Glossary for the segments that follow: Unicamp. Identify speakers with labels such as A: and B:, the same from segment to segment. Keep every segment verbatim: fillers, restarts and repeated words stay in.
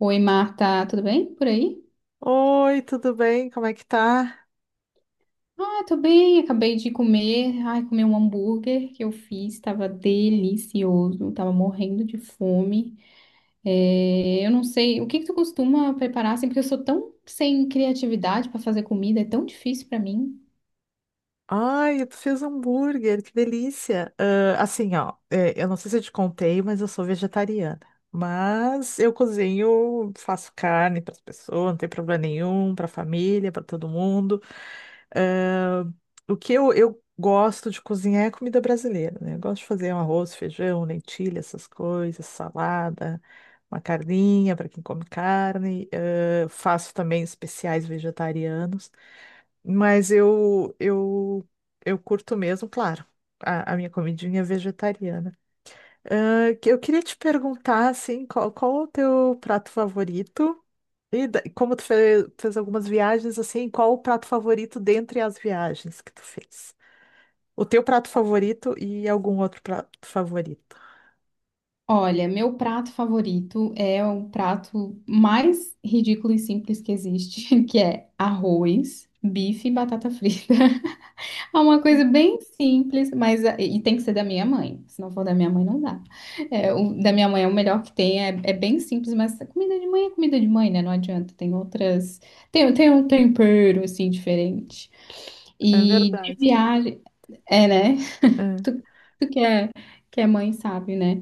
A: Oi, Marta, tudo bem por aí?
B: Oi, tudo bem? Como é que tá?
A: Ah, tô bem, acabei de comer. Ai, comi um hambúrguer que eu fiz, tava delicioso, tava morrendo de fome. É, eu não sei, o que que tu costuma preparar assim, porque eu sou tão sem criatividade pra fazer comida, é tão difícil pra mim.
B: Ai, tu fez hambúrguer, que delícia! Ah, assim, ó, é, eu não sei se eu te contei, mas eu sou vegetariana. Mas eu cozinho, faço carne para as pessoas, não tem problema nenhum, para a família, para todo mundo. O que eu, eu gosto de cozinhar é comida brasileira, né? Eu gosto de fazer um arroz, feijão, lentilha, essas coisas, salada, uma carninha para quem come carne. Eh, faço também especiais vegetarianos, mas eu eu eu curto mesmo, claro, a, a minha comidinha vegetariana. Ah, que eu queria te perguntar, assim, qual, qual o teu prato favorito? E da- e como tu fez, fez algumas viagens, assim, qual o prato favorito dentre as viagens que tu fez? O teu prato favorito e algum outro prato favorito?
A: Olha, meu prato favorito é o prato mais ridículo e simples que existe, que é arroz, bife e batata frita. É uma coisa
B: Hum.
A: bem simples, mas é, e tem que ser da minha mãe. Se não for da minha mãe, não dá. É, o da minha mãe é o melhor que tem, é, é bem simples, mas a comida de mãe é comida de mãe, né? Não adianta. Tem outras. Tem, tem um tempero, assim, diferente.
B: É
A: E de
B: verdade.
A: viagem. É, né?
B: É.
A: Tu, tu que é, que é mãe, sabe, né?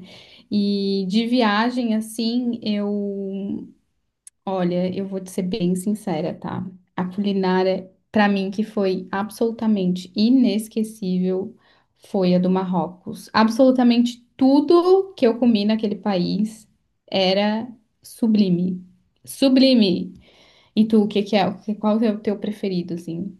A: E de viagem, assim, eu. Olha, eu vou te ser bem sincera, tá? A culinária, pra mim, que foi absolutamente inesquecível, foi a do Marrocos. Absolutamente tudo que eu comi naquele país era sublime. Sublime! E tu, o que que é? o que- Qual é o teu preferido, assim?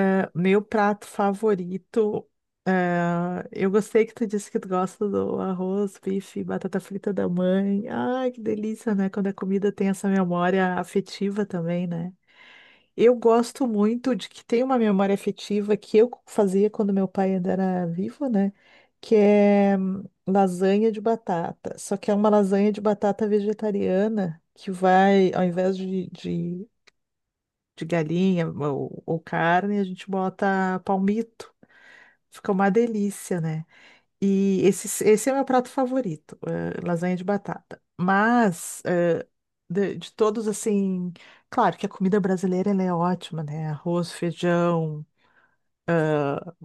B: É, meu prato favorito. É, eu gostei que tu disse que tu gosta do arroz, bife, batata frita da mãe. Ai, que delícia, né? Quando a comida tem essa memória afetiva também, né? Eu gosto muito de que tem uma memória afetiva que eu fazia quando meu pai ainda era vivo, né? Que é hum, lasanha de batata. Só que é uma lasanha de batata vegetariana que vai, ao invés de, de, de galinha ou, ou carne, a gente bota palmito. Fica uma delícia, né? E esse, esse é o meu prato favorito, eh, lasanha de batata. Mas, eh, de, de todos, assim, claro que a comida brasileira ela é ótima, né? Arroz, feijão,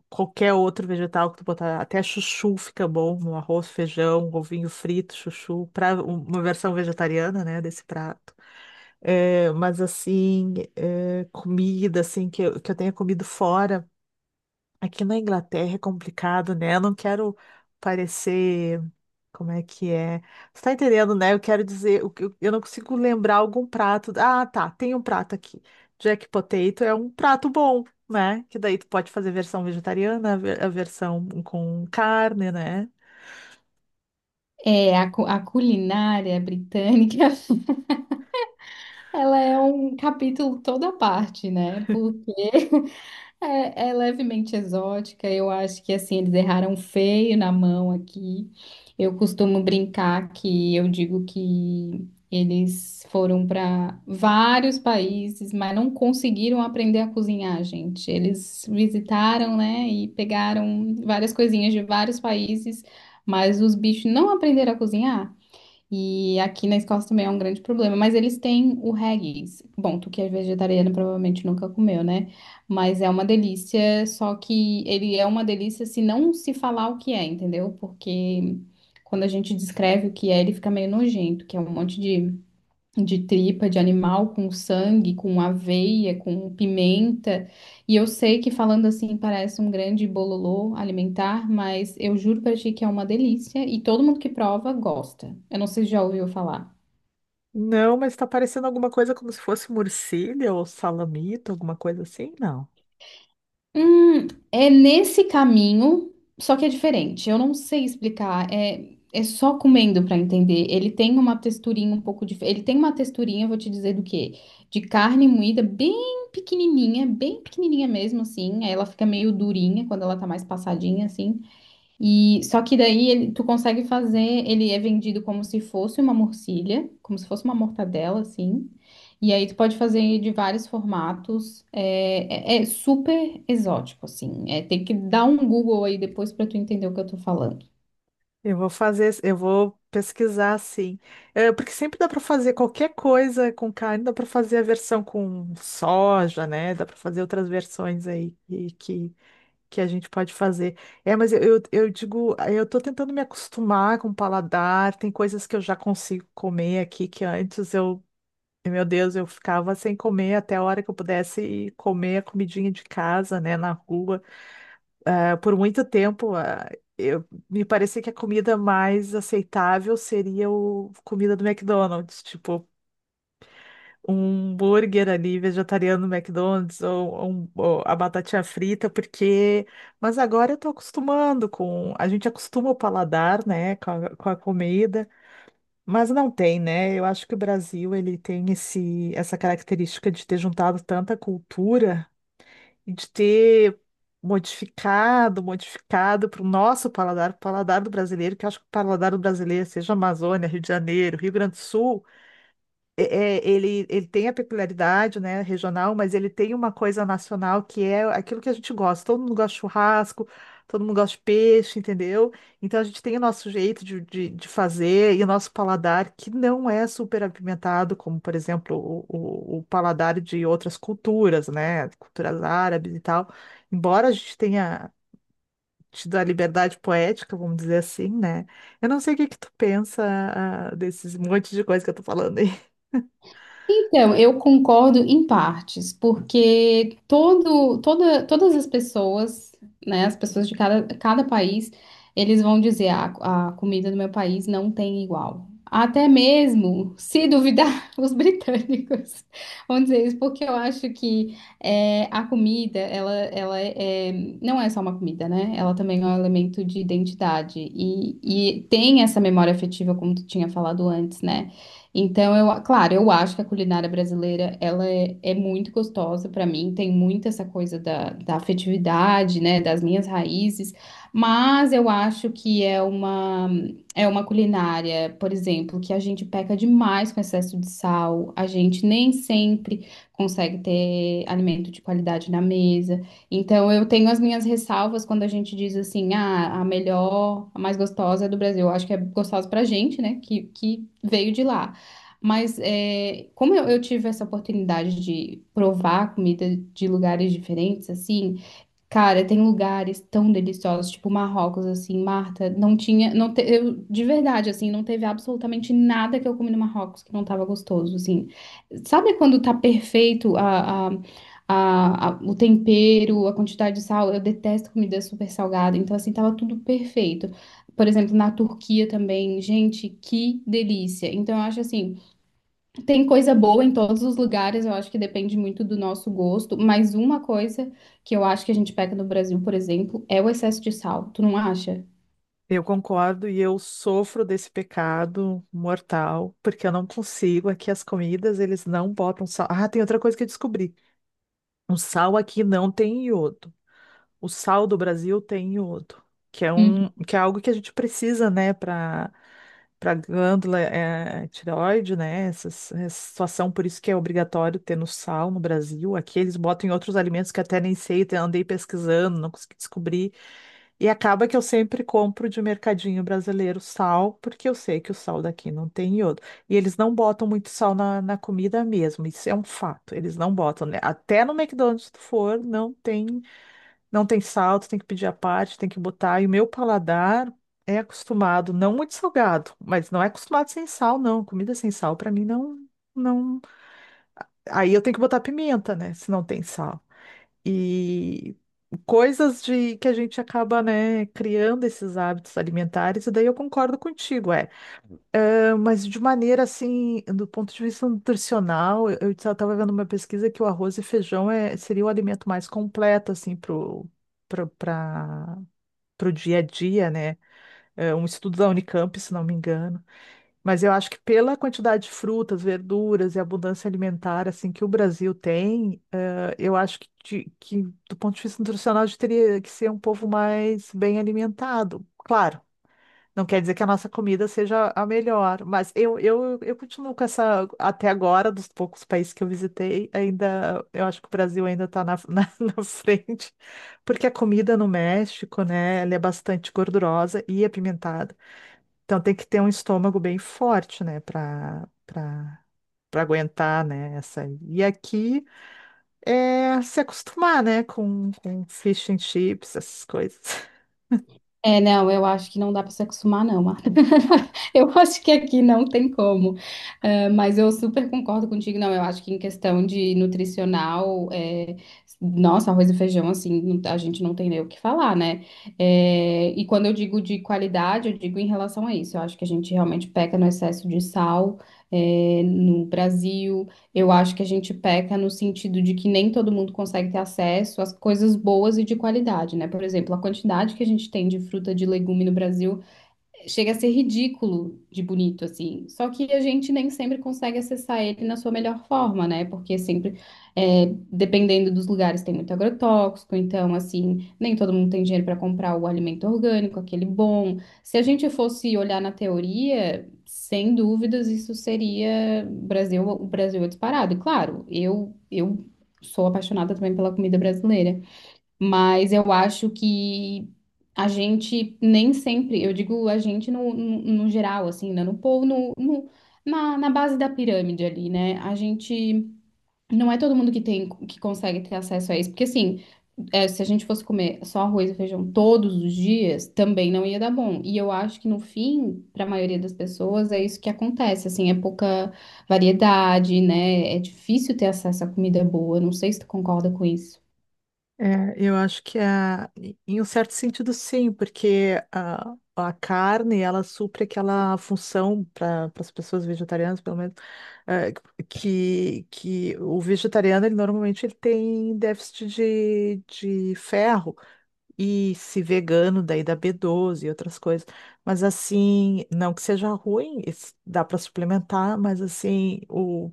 B: qualquer outro vegetal que tu botar, até chuchu fica bom no arroz, feijão, um ovinho frito, chuchu, para uma versão vegetariana, né, desse prato. Eh, mas, assim, eh, comida, assim, que eu, que eu tenha comido fora, aqui na Inglaterra é complicado, né? Eu não quero parecer. Como é que é? Você tá entendendo, né? Eu quero dizer, o que eu eu não consigo lembrar algum prato. Ah, tá, tem um prato aqui. Jack Potato é um prato bom, né? Que daí tu pode fazer versão vegetariana, a ver- a versão com carne, né?
A: É, a, cu- a culinária britânica ela é um capítulo toda à parte, né? Porque é, é levemente exótica. Eu acho que assim eles erraram feio na mão aqui. Eu costumo brincar que eu digo que eles foram para vários países, mas não conseguiram aprender a cozinhar, gente. Eles visitaram, né, e pegaram várias coisinhas de vários países, mas os bichos não aprenderam a cozinhar. E aqui na Escócia também é um grande problema, mas eles têm o haggis. Bom, tu que é vegetariano provavelmente nunca comeu, né? Mas é uma delícia, só que ele é uma delícia se não se falar o que é, entendeu? Porque quando a gente descreve o que é, ele fica meio nojento, que é um monte de de tripa de animal com sangue, com aveia, com pimenta. E eu sei que falando assim parece um grande bololô alimentar, mas eu juro pra ti que é uma delícia e todo mundo que prova gosta. Eu não sei se já ouviu falar.
B: Não, mas tá parecendo alguma coisa como se fosse morcilha ou salamito, alguma coisa assim? Não.
A: Hum, é nesse caminho, só que é diferente. Eu não sei explicar. É, é só comendo pra entender. Ele tem uma texturinha um pouco diferente. Ele tem uma texturinha, eu vou te dizer do quê? De carne moída, bem pequenininha, bem pequenininha mesmo, assim. Aí ela fica meio durinha quando ela tá mais passadinha, assim. E só que daí ele- tu consegue fazer, ele é vendido como se fosse uma morcilha, como se fosse uma mortadela, assim. E aí tu pode fazer de vários formatos. É, é- é super exótico, assim. É, tem que dar um Google aí depois pra tu entender o que eu tô falando.
B: Eu vou fazer, eu vou pesquisar assim. É, porque sempre dá para fazer qualquer coisa com carne, dá para fazer a versão com soja, né? Dá para fazer outras versões aí que, que que a gente pode fazer. É, mas eu, eu, eu digo, eh, eu tô tentando me acostumar com o paladar, tem coisas que eu já consigo comer aqui que antes eu, meu Deus, eu ficava sem comer até a hora que eu pudesse comer a comidinha de casa, né, na rua. Ah, por muito tempo, ah, eu, me parecia que a comida mais aceitável seria o comida do McDonald's, tipo, um burger ali vegetariano no McDonald's ou, ou um- ou a batatinha frita, porque. Mas agora eu tô acostumando com. A gente acostuma o paladar, né, com a, com a comida, mas não tem, né? Eu acho que o Brasil ele tem esse, essa característica de ter juntado tanta cultura e de ter. Modificado, modificado para o nosso paladar, o paladar do brasileiro, que eu acho que o paladar do brasileiro, seja Amazônia, Rio de Janeiro, Rio Grande do Sul, é- é- ele, ele tem a peculiaridade, né, regional, mas ele tem uma coisa nacional que é aquilo que a gente gosta. Todo mundo gosta de churrasco, todo mundo gosta de peixe, entendeu? Então a gente tem o nosso jeito de, de, de fazer e o nosso paladar que não é super apimentado, como, por exemplo, o, o, o paladar de outras culturas, né, culturas árabes e tal. Embora a gente tenha tido a liberdade poética, vamos dizer assim, né? Eu não sei o que que tu pensa, ah, desses monte de coisa que eu tô falando aí.
A: Então, eu concordo em partes, porque todo, toda, todas as pessoas, né, as pessoas de cada, cada país, eles vão dizer a, a comida do meu país não tem igual. Até mesmo, se duvidar, os britânicos vão dizer isso, porque eu acho que é, a comida, ela, ela é, é, não é só uma comida, né? Ela também é um elemento de identidade e, e tem essa memória afetiva, como tu tinha falado antes, né? Então, eu, claro, eu acho que a culinária brasileira, ela é, é muito gostosa para mim, tem muito essa coisa da, da afetividade, né, das minhas raízes, mas eu acho que é uma, é uma culinária, por exemplo, que a gente peca demais com excesso de sal, a gente nem sempre consegue ter alimento de qualidade na mesa, então eu tenho as minhas ressalvas quando a gente diz assim, ah, a melhor, a mais gostosa é do Brasil, eu acho que é gostosa pra gente, né, que, que veio de lá. Mas é, como eu, eu tive essa oportunidade de provar comida de lugares diferentes, assim, cara, tem lugares tão deliciosos, tipo Marrocos, assim, Marta, não tinha, não te- eu, de verdade, assim, não teve absolutamente nada que eu comi no Marrocos que não tava gostoso, assim. Sabe quando tá perfeito a, a- a- a- o tempero, a quantidade de sal? Eu detesto comida super salgada, então, assim, tava tudo perfeito. Por exemplo, na Turquia também, gente, que delícia. Então, eu acho assim. Tem coisa boa em todos os lugares, eu acho que depende muito do nosso gosto, mas uma coisa que eu acho que a gente peca no Brasil, por exemplo, é o excesso de sal, tu não acha?
B: Eu concordo e eu sofro desse pecado mortal, porque eu não consigo. Aqui as comidas, eles não botam sal. Ah, tem outra coisa que eu descobri. O sal aqui não tem iodo, o sal do Brasil tem iodo, que é um, que é algo que a gente precisa, né, para para glândula é, tireoide, né? Essa, essa situação, por isso que é obrigatório ter no sal no Brasil. Aqui eles botam em outros alimentos que até nem sei, até andei pesquisando, não consegui descobrir. E acaba que eu sempre compro de mercadinho brasileiro sal, porque eu sei que o sal daqui não tem iodo. E eles não botam muito sal na, na comida mesmo, isso é um fato. Eles não botam, né? Até no McDonald's, se tu for, não tem. Não tem salto, tem que pedir à parte, tem que botar. E o meu paladar é acostumado, não muito salgado, mas não é acostumado sem sal, não. Comida sem sal, pra mim, não, não. Aí eu tenho que botar pimenta, né? Se não tem sal. E coisas de que a gente acaba, né, criando esses hábitos alimentares, e daí eu concordo contigo, é. Ah, mas de maneira assim, do ponto de vista nutricional, eu estava vendo uma pesquisa que o arroz e feijão é, seria o alimento mais completo, assim, pro. Para para o dia a dia, né? É um estudo da Unicamp, se não me engano. Mas eu acho que pela quantidade de frutas, verduras e abundância alimentar assim que o Brasil tem, eh, eu acho que, de- que do ponto de vista nutricional a gente teria que ser um povo mais bem alimentado. Claro, não quer dizer que a nossa comida seja a melhor, mas eu, eu, eu continuo com essa, até agora, dos poucos países que eu visitei, ainda, eu acho que o Brasil ainda está na, na, na frente, porque a comida no México, né, ela é bastante gordurosa e apimentada, então tem que ter um estômago bem forte, né, para para para aguentar, né, essa. E aqui é se acostumar, né, com, com fish and chips, essas coisas.
A: É, não, eu acho que não dá para se acostumar, não. Marta. Eu acho que aqui não tem como. É, mas eu super concordo contigo, não. Eu acho que em questão de nutricional, é, nossa, arroz e feijão, assim, não- a gente não tem nem o que falar, né? É, e quando eu digo de qualidade, eu digo em relação a isso. Eu acho que a gente realmente peca no excesso de sal, é, no Brasil. Eu acho que a gente peca no sentido de que nem todo mundo consegue ter acesso às coisas boas e de qualidade, né? Por exemplo, a quantidade que a gente tem de fruta, de legume no Brasil chega a ser ridículo de bonito, assim. Só que a gente nem sempre consegue acessar ele na sua melhor forma, né? Porque sempre, é, dependendo dos lugares, tem muito agrotóxico, então, assim, nem todo mundo tem dinheiro para comprar o alimento orgânico, aquele bom. Se a gente fosse olhar na teoria, sem dúvidas, isso seria Brasil, o Brasil é disparado. E claro, eu, eu sou apaixonada também pela comida brasileira. Mas eu acho que a gente nem sempre, eu digo a gente no, no, no geral, assim, né? No povo, no, no- Na, na base da pirâmide ali, né? A gente, não é todo mundo que tem, que consegue ter acesso a isso, porque assim, é, se a gente fosse comer só arroz e feijão todos os dias, também não ia dar bom. E eu acho que no fim, para a maioria das pessoas, é isso que acontece, assim, é pouca variedade, né? É difícil ter acesso a comida boa, não sei se tu concorda com isso.
B: É, eu acho que a, em um certo sentido sim, porque a, a carne ela supre aquela função para as pessoas vegetarianas, pelo menos, eh, que, que o vegetariano ele normalmente ele tem déficit de, de ferro e se vegano daí dá B doze e outras coisas. Mas assim, não que seja ruim, isso dá para suplementar, mas assim o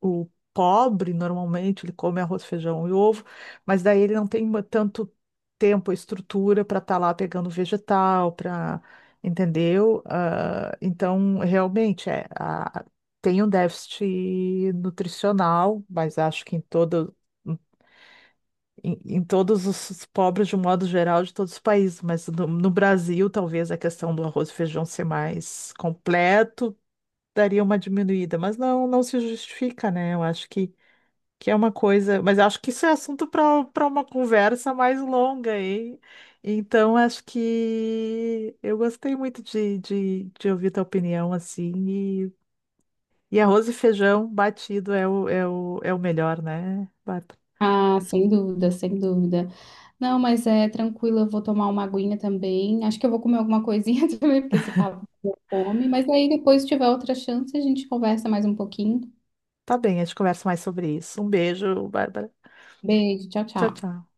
B: o pobre, normalmente, ele come arroz, feijão e ovo, mas daí ele não tem ma- tanto tempo, estrutura para estar lá pegando vegetal, para, entendeu? Ah, então, realmente, é, a- tem um déficit nutricional, mas acho que em todo, em, em todos os os pobres, de um modo geral, de todos os países, mas no, no Brasil, talvez a questão do arroz e feijão ser mais completo daria uma diminuída, mas não, não se justifica, né? Eu acho que que é uma coisa, mas acho que isso é assunto para para uma conversa mais longa, hein? Então, acho que eu gostei muito de, de, de ouvir tua opinião, assim, e, e arroz e feijão batido é o, é o, é o melhor, né, Bárbara?
A: Ah, sem dúvida, sem dúvida. Não, mas é tranquilo, eu vou tomar uma aguinha também. Acho que eu vou comer alguma coisinha também, porque esse papo me deu fome. Mas aí depois, se tiver outra chance, a gente conversa mais um pouquinho.
B: Tá bem, a gente conversa mais sobre isso. Um beijo, Bárbara.
A: Beijo, tchau,
B: Tchau,
A: tchau.
B: tchau.